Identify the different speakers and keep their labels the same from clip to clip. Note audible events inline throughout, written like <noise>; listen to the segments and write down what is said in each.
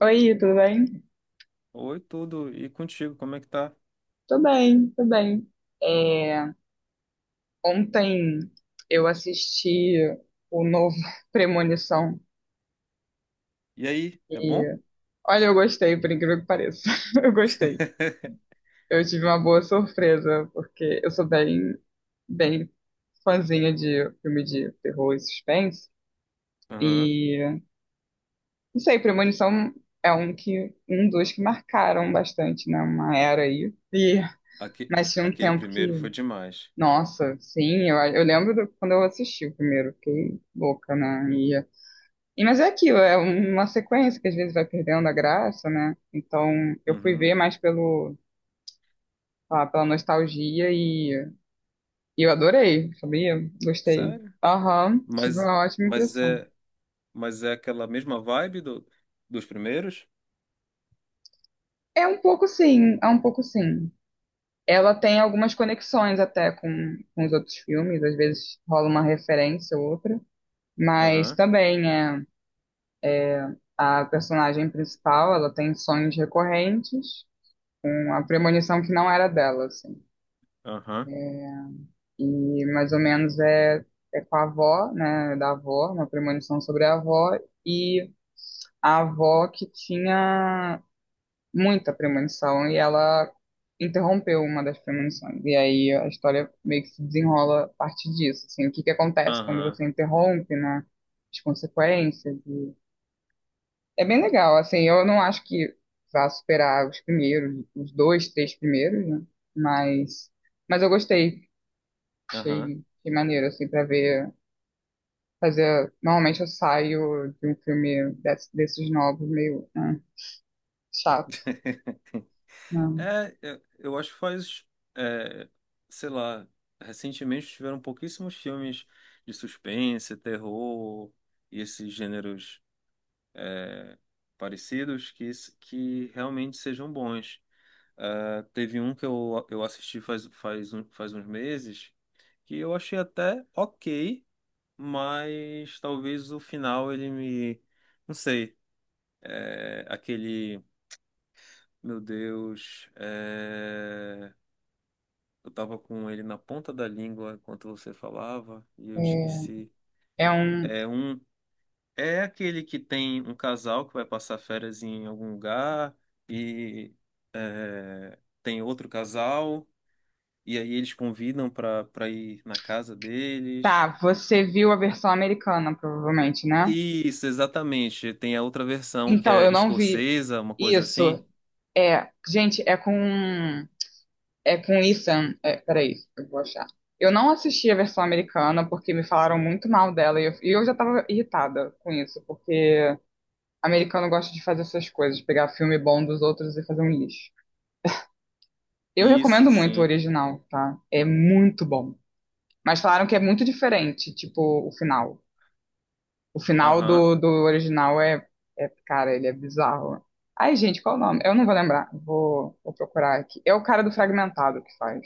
Speaker 1: Oi, tudo bem?
Speaker 2: Oi, tudo. E contigo, como é que tá?
Speaker 1: Tô bem, tô bem. É, ontem eu assisti o novo <laughs> Premonição
Speaker 2: E aí, é bom?
Speaker 1: e olha, eu gostei, por incrível que pareça. <laughs> Eu gostei.
Speaker 2: <laughs>
Speaker 1: Eu tive uma boa surpresa, porque eu sou bem, bem fãzinha de filme de terror e suspense.
Speaker 2: Aham.
Speaker 1: E não sei, Premonição é um que um dos que marcaram bastante, né? Uma era aí. E
Speaker 2: Aque-
Speaker 1: mas tinha um
Speaker 2: Aquele
Speaker 1: tempo
Speaker 2: primeiro foi
Speaker 1: que.
Speaker 2: demais.
Speaker 1: Nossa, sim, eu lembro quando eu assisti o primeiro, fiquei louca, né? Mas é aquilo, é uma sequência que às vezes vai perdendo a graça, né? Então eu fui
Speaker 2: Uhum.
Speaker 1: ver mais pela nostalgia e eu adorei, sabia? Gostei.
Speaker 2: Sério?
Speaker 1: Aham, tive
Speaker 2: Mas,
Speaker 1: uma ótima
Speaker 2: mas
Speaker 1: impressão.
Speaker 2: é, mas é aquela mesma vibe dos primeiros?
Speaker 1: É um pouco sim, é um pouco sim. Ela tem algumas conexões até com os outros filmes, às vezes rola uma referência ou outra, mas
Speaker 2: Aham,
Speaker 1: também é. A personagem principal, ela tem sonhos recorrentes, com a premonição que não era dela, assim.
Speaker 2: aham,
Speaker 1: E mais ou menos é com a avó, né, da avó, uma premonição sobre a avó, e a avó que tinha muita premonição, e ela interrompeu uma das premonições. E aí a história meio que se desenrola a partir disso, assim, o que que acontece quando
Speaker 2: aham,
Speaker 1: você interrompe, né, as consequências, É bem legal, assim, eu não acho que vá superar os primeiros, os dois, três primeiros, né? Mas, mas eu gostei,
Speaker 2: aham.
Speaker 1: achei maneiro, assim, pra ver, fazer, normalmente eu saio de um filme desses novos meio chato,
Speaker 2: <laughs>
Speaker 1: não.
Speaker 2: É, eu acho que faz, é, sei lá, recentemente tiveram pouquíssimos filmes de suspense, terror e esses gêneros parecidos que realmente sejam bons. Ah, teve um que eu assisti faz uns meses que eu achei até ok, mas talvez o final ele me. Não sei. É, aquele. Meu Deus. É, eu tava com ele na ponta da língua enquanto você falava e eu
Speaker 1: É,
Speaker 2: esqueci.
Speaker 1: é um.
Speaker 2: É um. É aquele que tem um casal que vai passar férias em algum lugar e é, tem outro casal e aí eles convidam para ir na casa deles.
Speaker 1: Tá, você viu a versão americana, provavelmente, né?
Speaker 2: Isso, exatamente. Tem a outra versão que
Speaker 1: Então,
Speaker 2: é
Speaker 1: eu não vi
Speaker 2: escocesa, uma coisa assim.
Speaker 1: isso. É, gente, é com É com Ethan. É, é, peraí, eu vou achar. Eu não assisti a versão americana porque me falaram muito mal dela e eu já tava irritada com isso, porque americano gosta de fazer essas coisas, pegar filme bom dos outros e fazer um lixo. Eu
Speaker 2: Isso,
Speaker 1: recomendo muito o
Speaker 2: sim.
Speaker 1: original, tá? É muito bom. Mas falaram que é muito diferente, tipo, o final. O final
Speaker 2: Aham.
Speaker 1: do original é, cara, ele é bizarro. Ai, gente, qual o nome? Eu não vou lembrar. Vou procurar aqui. É o cara do Fragmentado que faz.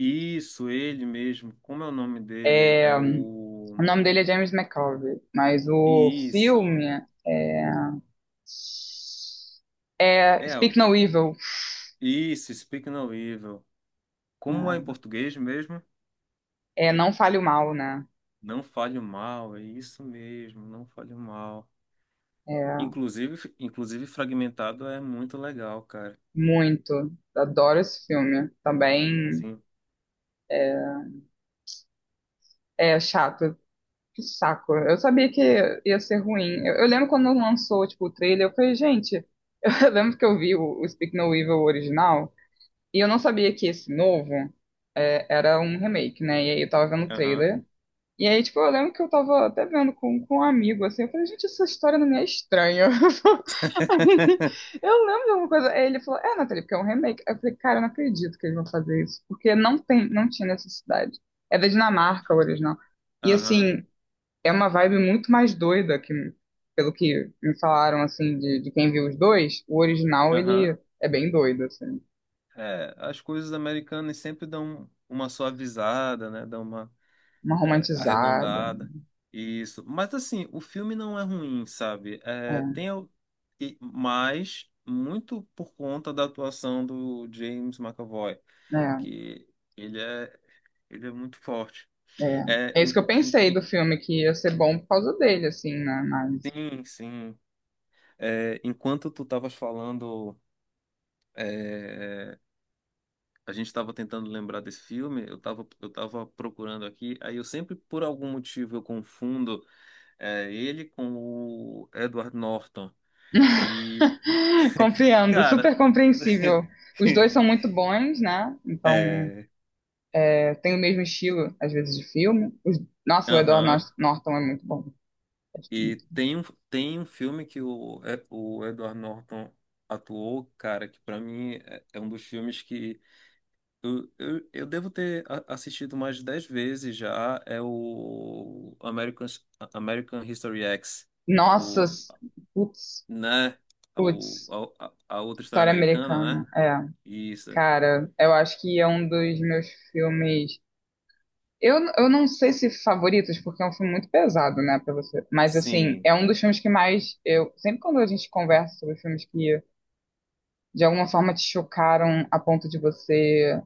Speaker 2: Isso, ele mesmo. Como é o nome dele?
Speaker 1: É,
Speaker 2: É
Speaker 1: o
Speaker 2: o.
Speaker 1: nome dele é James McAvoy, mas o
Speaker 2: Isso.
Speaker 1: filme é, é
Speaker 2: É a
Speaker 1: Speak No
Speaker 2: avó.
Speaker 1: Evil.
Speaker 2: Isso, Speak No Evil. Como é em
Speaker 1: Né?
Speaker 2: português mesmo?
Speaker 1: É Não Fale o Mal, né?
Speaker 2: Não fale o mal, é isso mesmo, não fale o mal.
Speaker 1: É,
Speaker 2: Inclusive fragmentado é muito legal, cara.
Speaker 1: muito. Adoro esse filme. Também
Speaker 2: Sim.
Speaker 1: é chato. Que saco. Eu sabia que ia ser ruim. Eu lembro quando lançou, tipo, o trailer, eu falei, gente, <laughs> eu lembro que eu vi o Speak No Evil original e eu não sabia que esse novo era um remake, né? E aí eu tava vendo o
Speaker 2: Aham.
Speaker 1: trailer. E aí, tipo, eu lembro que eu tava até vendo com um amigo, assim, eu falei, gente, essa história não me é estranha. <laughs>
Speaker 2: <laughs>
Speaker 1: Eu lembro de alguma coisa. Aí ele falou, é, Nathalie, porque é um remake. Eu falei, cara, eu não acredito que eles vão fazer isso, porque não tem, não tinha necessidade. É da Dinamarca o original. E
Speaker 2: Aham.
Speaker 1: assim, é uma vibe muito mais doida que, pelo que me falaram, assim, de quem viu os dois, o original,
Speaker 2: Aham.
Speaker 1: ele é bem doido, assim.
Speaker 2: É, as coisas americanas sempre dão uma suavizada, né? Dão uma
Speaker 1: Uma
Speaker 2: é,
Speaker 1: romantizada.
Speaker 2: arredondada. Isso. Mas assim, o filme não é ruim, sabe? É,
Speaker 1: É,
Speaker 2: tem al- e- mas muito por conta da atuação do James McAvoy,
Speaker 1: né?
Speaker 2: que ele é ele é muito forte.
Speaker 1: É,
Speaker 2: É,
Speaker 1: é isso que eu pensei do filme, que ia ser bom por causa dele, assim, né? Mas
Speaker 2: sim, sim. É, enquanto tu estavas falando, é, a gente estava tentando lembrar desse filme, eu tava procurando aqui, aí eu sempre, por algum motivo, eu confundo é, ele com o Edward Norton. E,
Speaker 1: <laughs> compreendo,
Speaker 2: cara,
Speaker 1: super compreensível. Os dois são
Speaker 2: <laughs>
Speaker 1: muito bons, né? Então,
Speaker 2: é,
Speaker 1: é, tem o mesmo estilo, às vezes, de filme. Nossa, o Edward
Speaker 2: aham.
Speaker 1: Norton é muito bom. Gosto
Speaker 2: E
Speaker 1: muito.
Speaker 2: tem um filme que o, é, o Edward Norton atuou, cara, que pra mim é um dos filmes que eu devo ter assistido mais de 10 vezes já. É o American History X.
Speaker 1: Nossa,
Speaker 2: O,
Speaker 1: putz,
Speaker 2: né? O,
Speaker 1: putz,
Speaker 2: a, a outra história
Speaker 1: história
Speaker 2: americana, né?
Speaker 1: americana. É,
Speaker 2: Isso.
Speaker 1: cara, eu acho que é um dos meus filmes. Eu não sei se favoritos, porque é um filme muito pesado, né, pra você. Mas, assim,
Speaker 2: Sim.
Speaker 1: é um dos filmes que mais eu. Sempre quando a gente conversa sobre filmes que de alguma forma te chocaram a ponto de você.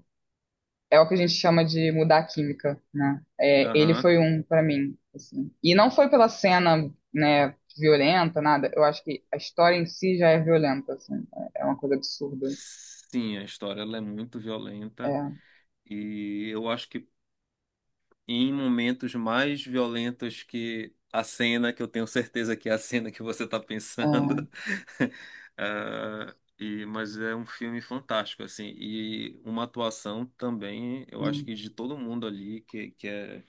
Speaker 1: É o que a gente chama de mudar a química, né? É, ele
Speaker 2: Aham.
Speaker 1: foi um pra mim, assim. E não foi pela cena, né, violenta, nada. Eu acho que a história em si já é violenta, assim. É uma coisa absurda.
Speaker 2: Sim, a história ela é muito violenta.
Speaker 1: É,
Speaker 2: E eu acho que em momentos mais violentos que a cena, que eu tenho certeza que é a cena que você está
Speaker 1: é,
Speaker 2: pensando. <laughs> Ah, e, mas é um filme fantástico, assim, e uma atuação também, eu
Speaker 1: né?
Speaker 2: acho que de todo mundo ali, que é,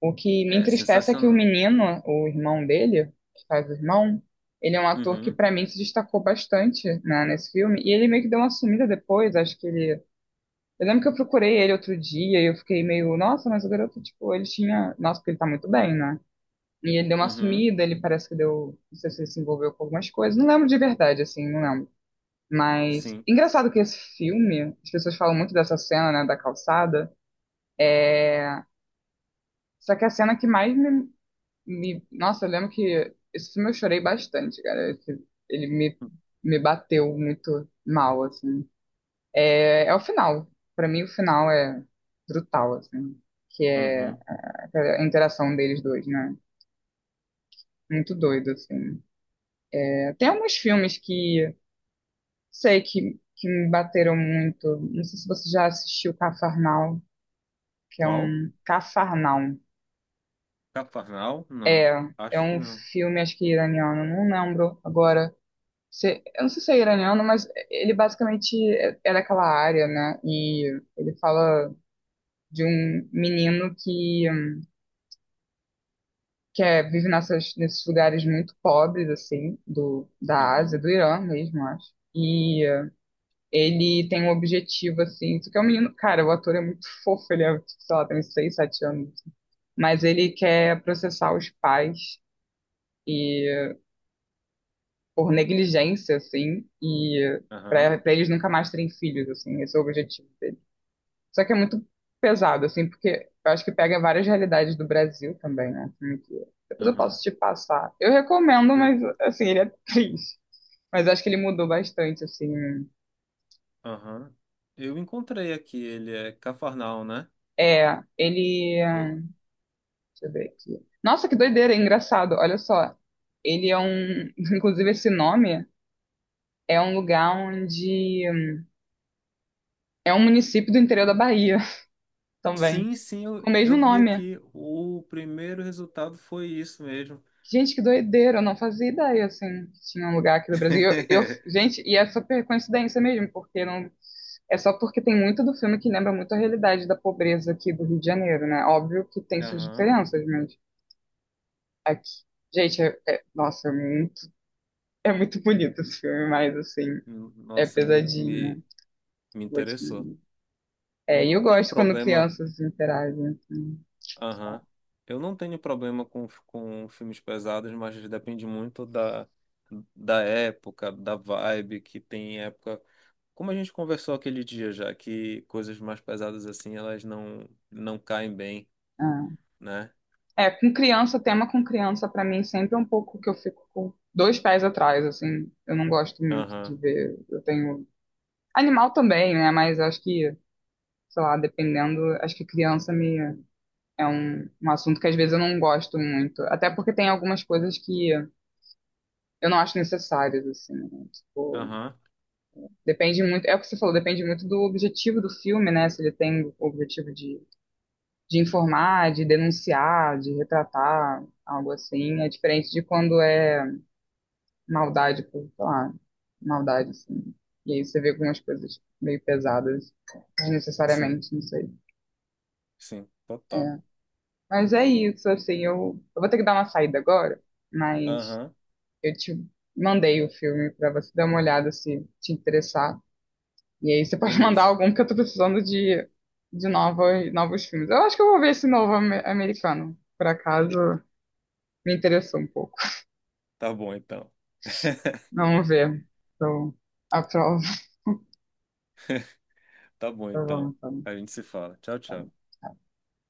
Speaker 1: O que me
Speaker 2: é
Speaker 1: entristece é que o
Speaker 2: sensacional.
Speaker 1: menino, o irmão dele, que faz o irmão, ele é um ator que
Speaker 2: Uhum,
Speaker 1: pra mim se destacou bastante, né, nesse filme, e ele meio que deu uma sumida depois, acho que ele. Eu lembro que eu procurei ele outro dia e eu fiquei meio, nossa, mas o garoto, tipo, ele tinha. Nossa, porque ele tá muito bem, né? E ele deu uma
Speaker 2: uhum,
Speaker 1: sumida, ele parece que deu. Não sei se ele se envolveu com algumas coisas, não lembro de verdade, assim, não lembro. Mas,
Speaker 2: sim.
Speaker 1: engraçado que esse filme, as pessoas falam muito dessa cena, né, da calçada, é, só que a cena que mais Nossa, eu lembro que esse filme eu chorei bastante, cara. Ele me bateu muito mal, assim. É, é o final. Pra mim, o final é brutal, assim. Que é
Speaker 2: Uhum.
Speaker 1: a interação deles dois, né? Muito doido, assim. É, tem alguns filmes que sei que me bateram muito. Não sei se você já assistiu Cafarnaum, que é
Speaker 2: Qual?
Speaker 1: um. Cafarnaum.
Speaker 2: Cafarnal?
Speaker 1: É,
Speaker 2: Não,
Speaker 1: é
Speaker 2: acho que
Speaker 1: um
Speaker 2: não.
Speaker 1: filme, acho que iraniano, não lembro agora eu não sei se é iraniano, mas ele basicamente é daquela área, né? E ele fala de um menino que vive nessas, nesses lugares muito pobres, assim, do, da Ásia,
Speaker 2: Uhum,
Speaker 1: do Irã mesmo, acho. E ele tem um objetivo, assim, só que é um menino, cara, o ator é muito <laughs> fofo, ele é, tipo, sei lá, tem uns 6, 7 anos. Assim. Mas ele quer processar os pais e por negligência, assim, e
Speaker 2: aham,
Speaker 1: para eles nunca mais terem filhos, assim, esse é o objetivo. Só que é muito pesado, assim, porque eu acho que pega várias realidades do Brasil também, né? Depois eu
Speaker 2: aham.
Speaker 1: posso te passar. Eu recomendo,
Speaker 2: Ele-
Speaker 1: mas, assim, ele é triste. Mas eu acho que ele mudou bastante, assim.
Speaker 2: Aham. Eu encontrei aqui, ele é Cafarnal, né?
Speaker 1: É, ele.
Speaker 2: Eu,
Speaker 1: Deixa eu ver aqui. Nossa, que doideira, é engraçado. Olha só. Ele é um. <laughs> Inclusive, esse nome é um lugar onde. É um município do interior da Bahia <laughs> também.
Speaker 2: Sim, sim, eu,
Speaker 1: Com o mesmo
Speaker 2: eu vi
Speaker 1: nome.
Speaker 2: aqui. O primeiro resultado foi isso mesmo.
Speaker 1: Gente, que doideira, eu não fazia ideia, assim, que tinha um lugar aqui do Brasil.
Speaker 2: <laughs>
Speaker 1: Gente, e é super coincidência mesmo, porque não, é só porque tem muito do filme que lembra muito a realidade da pobreza aqui do Rio de Janeiro, né? Óbvio que tem suas
Speaker 2: Aham.
Speaker 1: diferenças, mas aqui, gente, nossa, é muito bonito esse filme, mas, assim, é
Speaker 2: Nossa,
Speaker 1: pesadinho, né?
Speaker 2: me
Speaker 1: Vou te
Speaker 2: interessou.
Speaker 1: dizer.
Speaker 2: Eu
Speaker 1: É, e
Speaker 2: não
Speaker 1: eu
Speaker 2: tenho
Speaker 1: gosto quando
Speaker 2: problema.
Speaker 1: crianças interagem, assim, sei lá.
Speaker 2: Aham. Eu não tenho problema com filmes pesados, mas depende muito da, da época, da vibe que tem época. Como a gente conversou aquele dia já, que coisas mais pesadas assim, elas não caem bem,
Speaker 1: Ah.
Speaker 2: né?
Speaker 1: É, com criança, tema com criança, pra mim, sempre é um pouco que eu fico com dois pés atrás, assim. Eu não gosto muito de
Speaker 2: Aham.
Speaker 1: ver. Eu tenho. Animal também, né? Mas eu acho que, sei lá, dependendo, acho que criança me é um assunto que às vezes eu não gosto muito. Até porque tem algumas coisas que eu não acho necessárias, assim, né? Tipo,
Speaker 2: Aham.
Speaker 1: depende muito. É o que você falou, depende muito do objetivo do filme, né? Se ele tem o objetivo de informar, de denunciar, de retratar, algo assim. É diferente de quando é maldade por, sei lá, maldade, assim. E aí você vê algumas coisas meio pesadas,
Speaker 2: Sim,
Speaker 1: desnecessariamente, não sei.
Speaker 2: sim, total.
Speaker 1: Mas é isso, assim, eu vou ter que dar uma saída agora, mas
Speaker 2: Aham.
Speaker 1: eu te mandei o filme pra você dar uma olhada se te interessar. E aí você pode <laughs> mandar
Speaker 2: Beleza.
Speaker 1: algum, porque eu tô precisando de novos, novos filmes. Eu acho que eu vou ver esse novo americano, por acaso me interessou um pouco.
Speaker 2: Tá bom então. <laughs>
Speaker 1: Vamos ver. Então, aprovo.
Speaker 2: Tá bom
Speaker 1: Tá bom,
Speaker 2: então.
Speaker 1: tá bom,
Speaker 2: A gente se fala. Tchau,
Speaker 1: tá
Speaker 2: tchau.
Speaker 1: bom.